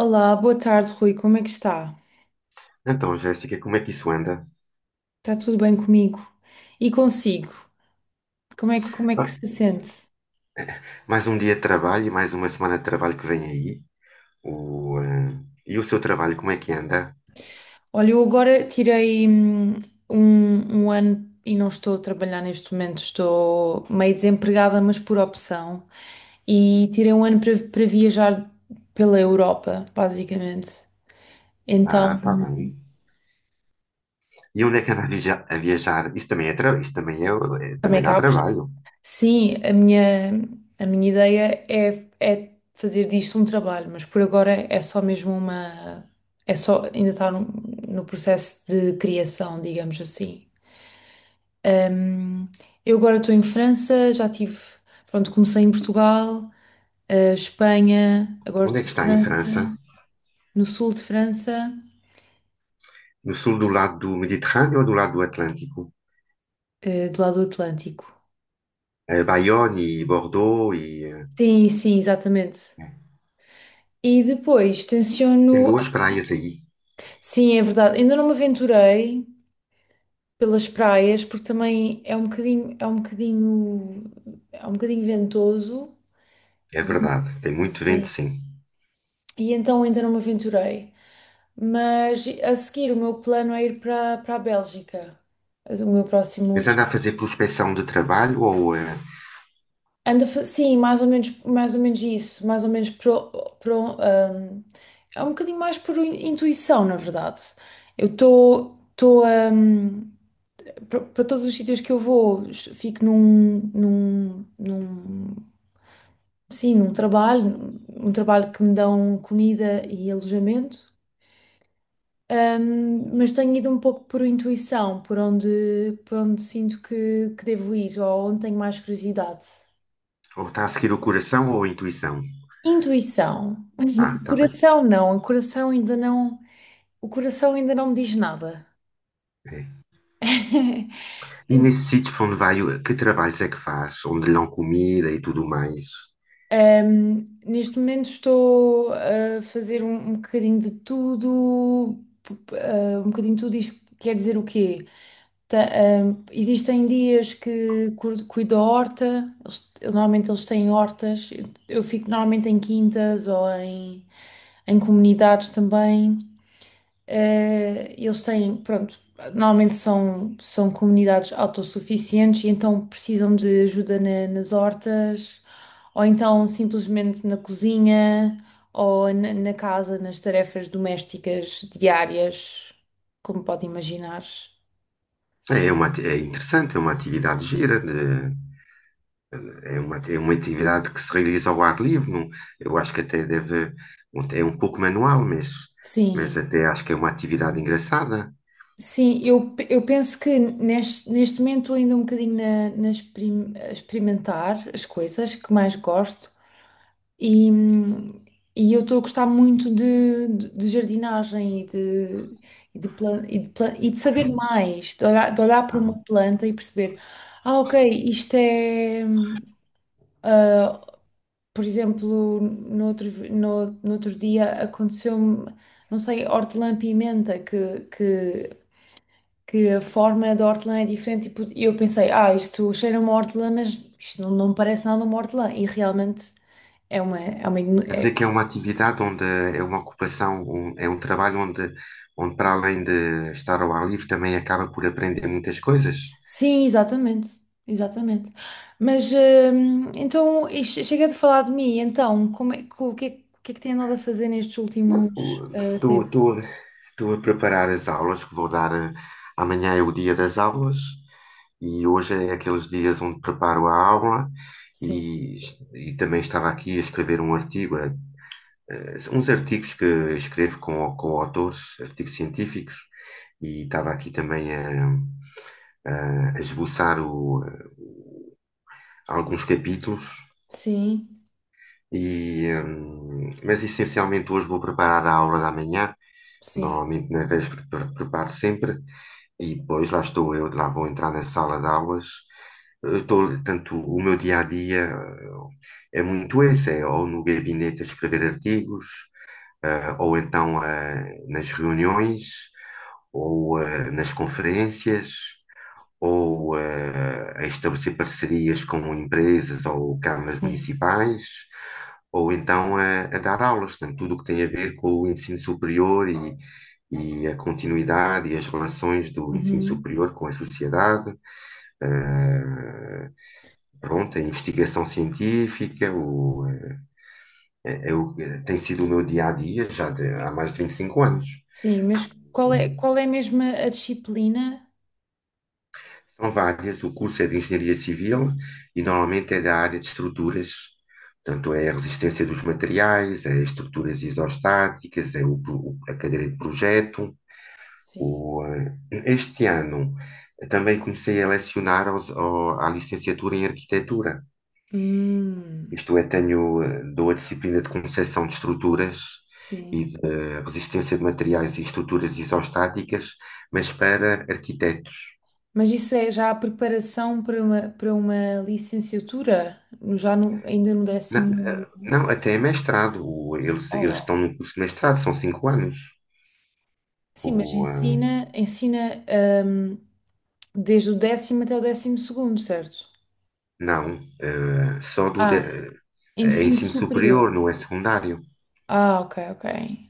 Olá, boa tarde, Rui. Como é que está? Então, Jéssica, como é que isso anda? Está tudo bem comigo? E consigo? Como é que Ah, se sente? mais um dia de trabalho e mais uma semana de trabalho que vem aí. O, eh, e o seu trabalho, como é que anda? Olha, eu agora tirei um ano e não estou a trabalhar neste momento, estou meio desempregada, mas por opção. E tirei um ano para viajar pela Europa, basicamente. Ah, Então, está bem. E onde é que anda a viajar? Isso também é, isso também é, também também dá cá. trabalho. Sim, a minha ideia é, fazer disto um trabalho, mas por agora é só mesmo uma. É só ainda está no processo de criação, digamos assim. Ahm, eu agora estou em França, já tive. Pronto, comecei em Portugal, Espanha, agora Onde é estou que em está em França, França? no sul de França, No sul do lado do Mediterrâneo ou do lado do Atlântico? Do lado do Atlântico. Bayonne e Bordeaux e Sim, sim, exatamente. eh, E depois tem tenciono. boas praias aí. Sim, é verdade, ainda não me aventurei pelas praias, porque também é um bocadinho ventoso É e, verdade, tem muito vento, sim, sim. e então ainda não me aventurei. Mas a seguir o meu plano é ir para a Bélgica, o meu próximo Mas des- anda a fazer prospecção de trabalho ou, anda, sim, mais ou menos isso, mais ou menos pro, ahm, é um bocadinho mais por intuição, na verdade. Eu estou para todos os sítios que eu vou, fico num, num, num sim, um trabalho, que me dão comida e alojamento. Mas tenho ido um pouco por intuição, por onde sinto que devo ir ou onde tenho mais curiosidade. ou está a seguir o coração ou a intuição? Intuição. Ah, está bem. Coração não, o coração ainda não me diz nada. É. E Então, nesse sítio para onde vai, que trabalhos é que faz? Onde lhe dão comida e tudo mais? Neste momento estou a fazer um bocadinho de tudo. Um bocadinho de tudo, isto quer dizer o quê? Ta- Existem dias que cuido da horta, normalmente eles têm hortas, eu fico normalmente em quintas ou em comunidades também. Eles têm, pronto, normalmente são comunidades autossuficientes e então precisam de ajuda nas hortas, ou então simplesmente na cozinha, ou na casa, nas tarefas domésticas diárias, como pode imaginar. É uma, é interessante, é uma atividade gira, é uma atividade que se realiza ao ar livre. Eu acho que até deve, é um pouco manual, mas, Sim, mas até acho que é uma atividade engraçada. sim, eu penso que neste momento estou ainda um bocadinho a experimentar as coisas que mais gosto. E, hum, e eu estou a gostar muito de jardinagem e e de saber mais, de olhar para Claro. uma planta e perceber, ah, ok, isto é. Ah, por exemplo, no outro dia aconteceu-me, não sei, hortelã-pimenta, que a forma da hortelã é diferente. Tipo, e eu pensei, ah, isto cheira a uma hortelã, mas isto não parece nada uma hortelã. E realmente. É uma, igno- Quer dizer é que é uma atividade onde é uma ocupação, é um trabalho onde, onde para além de estar ao ar livre também acaba por aprender muitas coisas. Sim, exatamente, exatamente. Mas então e chega de falar de mim. Então, o que é, que o que é que tem andado a fazer nestes últimos tempos? Estou a preparar as aulas que vou dar. Amanhã é o dia das aulas, e hoje é aqueles dias onde preparo a aula, Sim, e, e também estava aqui a escrever um artigo, uns artigos que escrevo com autores, artigos científicos, e estava aqui também a, a esboçar alguns capítulos. sim, Mas essencialmente hoje vou preparar a aula da manhã. sim, Normalmente nas 10 preparo sempre, e depois lá estou eu, lá vou entrar na sala de aulas. Eu estou, tanto o meu dia a dia é muito esse, é ou no gabinete a escrever artigos, ou então nas reuniões, ou nas conferências, ou a estabelecer parcerias com empresas ou câmaras sim. municipais, ou então a dar aulas, portanto, tudo o que tem a ver com o ensino superior e a continuidade e as relações do ensino Uhum. superior com a sociedade, eh, pronto, a investigação científica, o, eh, é, é o- tem sido o meu dia a dia já há mais de 25 anos. Sim, mas qual é mesmo a disciplina? São várias, o curso é de Engenharia Civil, e Sim, normalmente é da área de estruturas, portanto é a resistência dos materiais, é estruturas isostáticas, é o a cadeira de projeto. sim. O, eh, Este ano também comecei a lecionar à licenciatura em arquitetura. Hum, Isto é, tenho, dou a disciplina de concepção de estruturas sim. e de resistência de materiais e estruturas isostáticas, mas para arquitetos. Mas isso é já a preparação para para uma licenciatura? Já ainda no Não, décimo. Não, até é mestrado. Eles Oh, estão no curso de mestrado, são cinco anos. sim, mas O, eh, ensina, hum, desde o décimo até o décimo segundo, certo? não, só Ah, é ensino ensino superior. superior, não é secundário. Ah, ok, ok.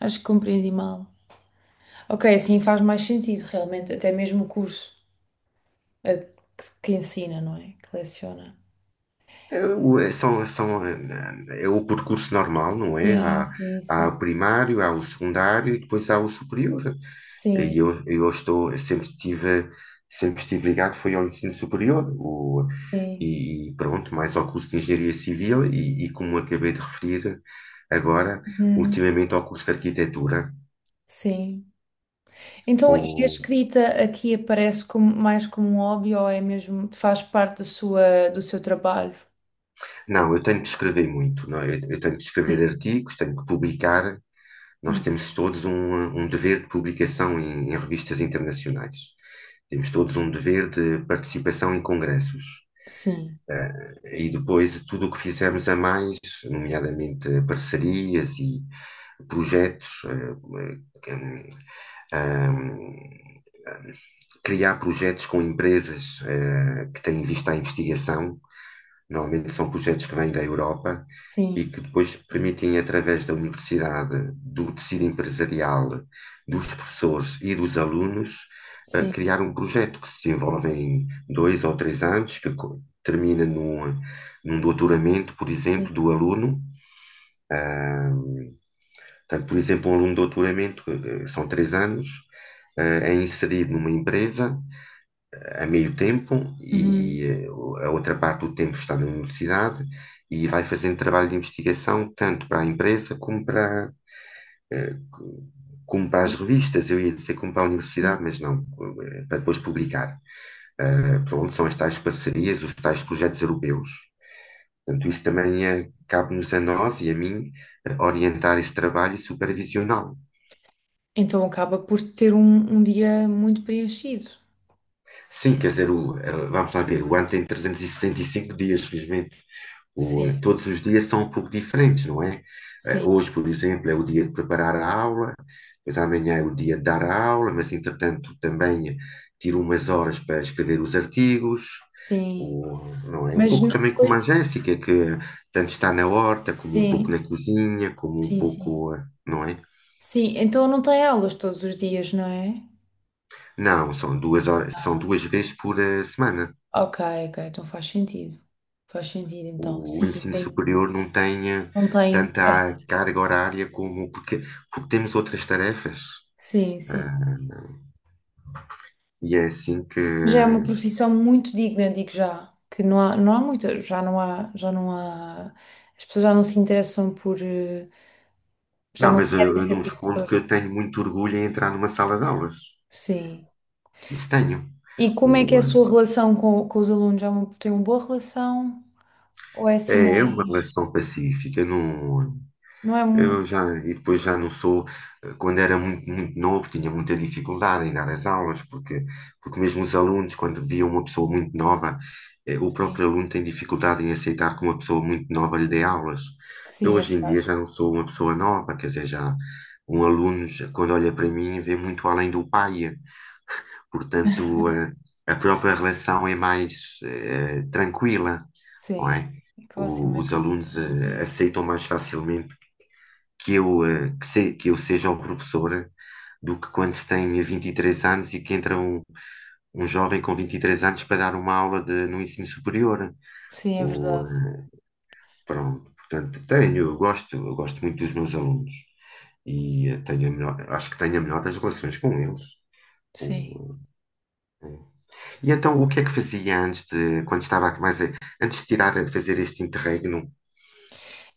Acho que compreendi mal. Ok, assim faz mais sentido, realmente, até mesmo o curso eh, que ensina, não é? Que leciona. É, é, são, são, o percurso normal, não é? Sim, Há, sim, há sim. o primário, há o secundário, e depois há o superior. E Sim, eu, eu estou, eu sempre estive ligado, foi ao ensino superior. Sim. E pronto, mais ao curso de Engenharia Civil, e como acabei de referir agora, Uhum, ultimamente ao curso de Arquitetura. sim. Então, e a O, escrita aqui aparece como, mais como um hobby ou é mesmo, faz parte da sua, do seu trabalho? não, eu tenho que escrever muito, não é? Eu tenho que Sim. escrever artigos, tenho que publicar. Nós temos todos um dever de publicação em revistas internacionais. Temos todos um dever de participação em congressos. Sim, E depois tudo o que fizermos a mais, nomeadamente parcerias e projetos, uh, uh, criar projetos com empresas que têm vista à investigação. Normalmente são projetos que vêm da Europa, e sim, que depois permitem, através da universidade, do tecido empresarial, dos professores e dos alunos, sim. criar um projeto que se desenvolve em dois ou três anos, que termina num doutoramento, por Sim. exemplo, do aluno. Portanto, por exemplo, um aluno de doutoramento, são três anos, é inserido numa empresa a meio tempo, e Uhum. A outra parte do tempo está na universidade, e vai fazendo trabalho de investigação tanto para a empresa como para, eh, como para as revistas, eu ia dizer como para a Sim. universidade, mas não, para depois publicar. Ah, pronto, são as tais parcerias, os tais projetos europeus. Portanto, isso também é cabe-nos a nós e a mim orientar este trabalho e supervisioná-lo. Então acaba por ter um dia muito preenchido. Sim, quer dizer, vamos lá ver, o ano tem 365 dias, felizmente. Sim, Todos os dias são um pouco diferentes, não é? Sim, Hoje, por exemplo, é o dia de preparar a aula, mas amanhã é o dia de dar a aula, mas entretanto também tiro umas horas para escrever os artigos. sim. O, não é? Um Mas pouco não... também como a Jéssica, que tanto está na horta, como um pouco Sim, na cozinha, como um sim, sim. pouco, não é? Sim, então não tem aulas todos os dias, não é? Não, são duas horas, são duas vezes por semana. Ok, ok, então faz sentido. Faz sentido, O, então. o Sim, ensino tem. superior não tem Não tem. tanta É, carga horária como porque, porque temos outras tarefas. sim, sim. Ah, e é assim que. Já é uma profissão muito digna, digo já. Que não há muita, já não há. As pessoas já não se interessam por. Já Não, não mas querem eu ser não escondo que produtores. eu tenho muito orgulho em entrar numa sala de aulas. Sim. Isso tenho. E como é que é a O, sua relação com os alunos? Tem uma boa relação? Ou é assim É uma mais. relação pacífica, não. Não é. Eu já, e depois já não sou, quando era muito, muito novo, tinha muita dificuldade em dar as aulas, porque mesmo os alunos, quando viam uma pessoa muito nova, o Sim, próprio aluno tem dificuldade em aceitar que uma pessoa muito nova lhe dê aulas. Eu sim, é hoje em verdade. dia já não sou uma pessoa nova, quer dizer, já um aluno, quando olha para mim, vê muito além do pai, portanto, a própria relação é mais tranquila, não Sim. é? É que eu assim meio Os consigo alunos imaginar. Aceitam mais facilmente que eu, que, que eu seja um professor do que quando se tem 23 anos e que entra um jovem com 23 anos para dar uma aula no ensino superior. Sim, é Ou, verdade. Pronto, portanto, tenho, eu gosto muito dos meus alunos, e tenho a melhor, acho que tenho a melhor das relações com eles. Sim. Ou, eh, E então, o que é que fazia antes de, quando estava mais, antes de tirar, a fazer este interregno?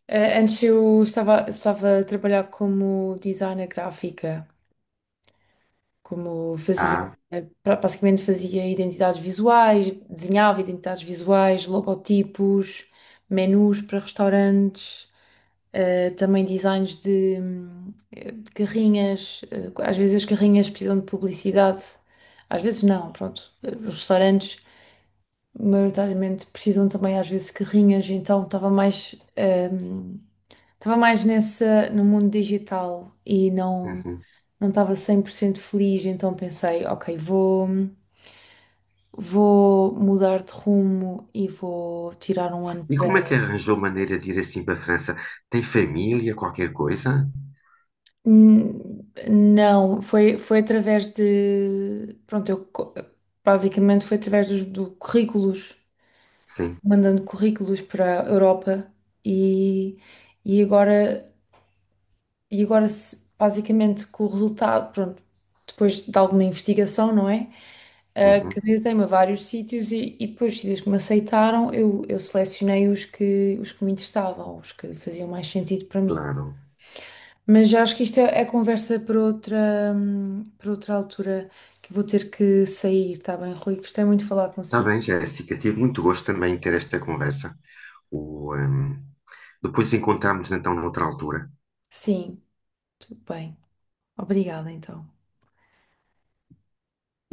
Antes eu estava a trabalhar como designer gráfica, como fazia, Ah, basicamente fazia identidades visuais, desenhava identidades visuais, logotipos, menus para restaurantes. Também designs de carrinhas, às vezes as carrinhas precisam de publicidade, às vezes não, pronto. Os restaurantes, maioritariamente, precisam também às vezes de carrinhas, então estava mais, hum, nessa, no mundo digital e uhum. não estava 100% feliz, então pensei, ok, vou mudar de rumo e vou tirar um ano. E como é que arranjou maneira de ir assim para a França? Tem família, qualquer coisa? Não, foi, através de. Pronto, basicamente foi através dos do currículos, Sim, mandando currículos para a Europa e, e agora, e agora basicamente com o resultado, pronto, depois de alguma investigação, não é? Ah, uhum, candidatei-me a vários sítios e depois os sítios que me aceitaram, eu selecionei os que me interessavam, os que faziam mais sentido para mim. claro. Mas já acho que isto é conversa para para outra altura, que vou ter que sair, está bem, Rui? Gostei muito de falar Está consigo. bem, Jéssica, tive muito gosto também em ter esta conversa. O, ehm, Depois encontramos então noutra altura. Sim, tudo bem. Obrigada, então.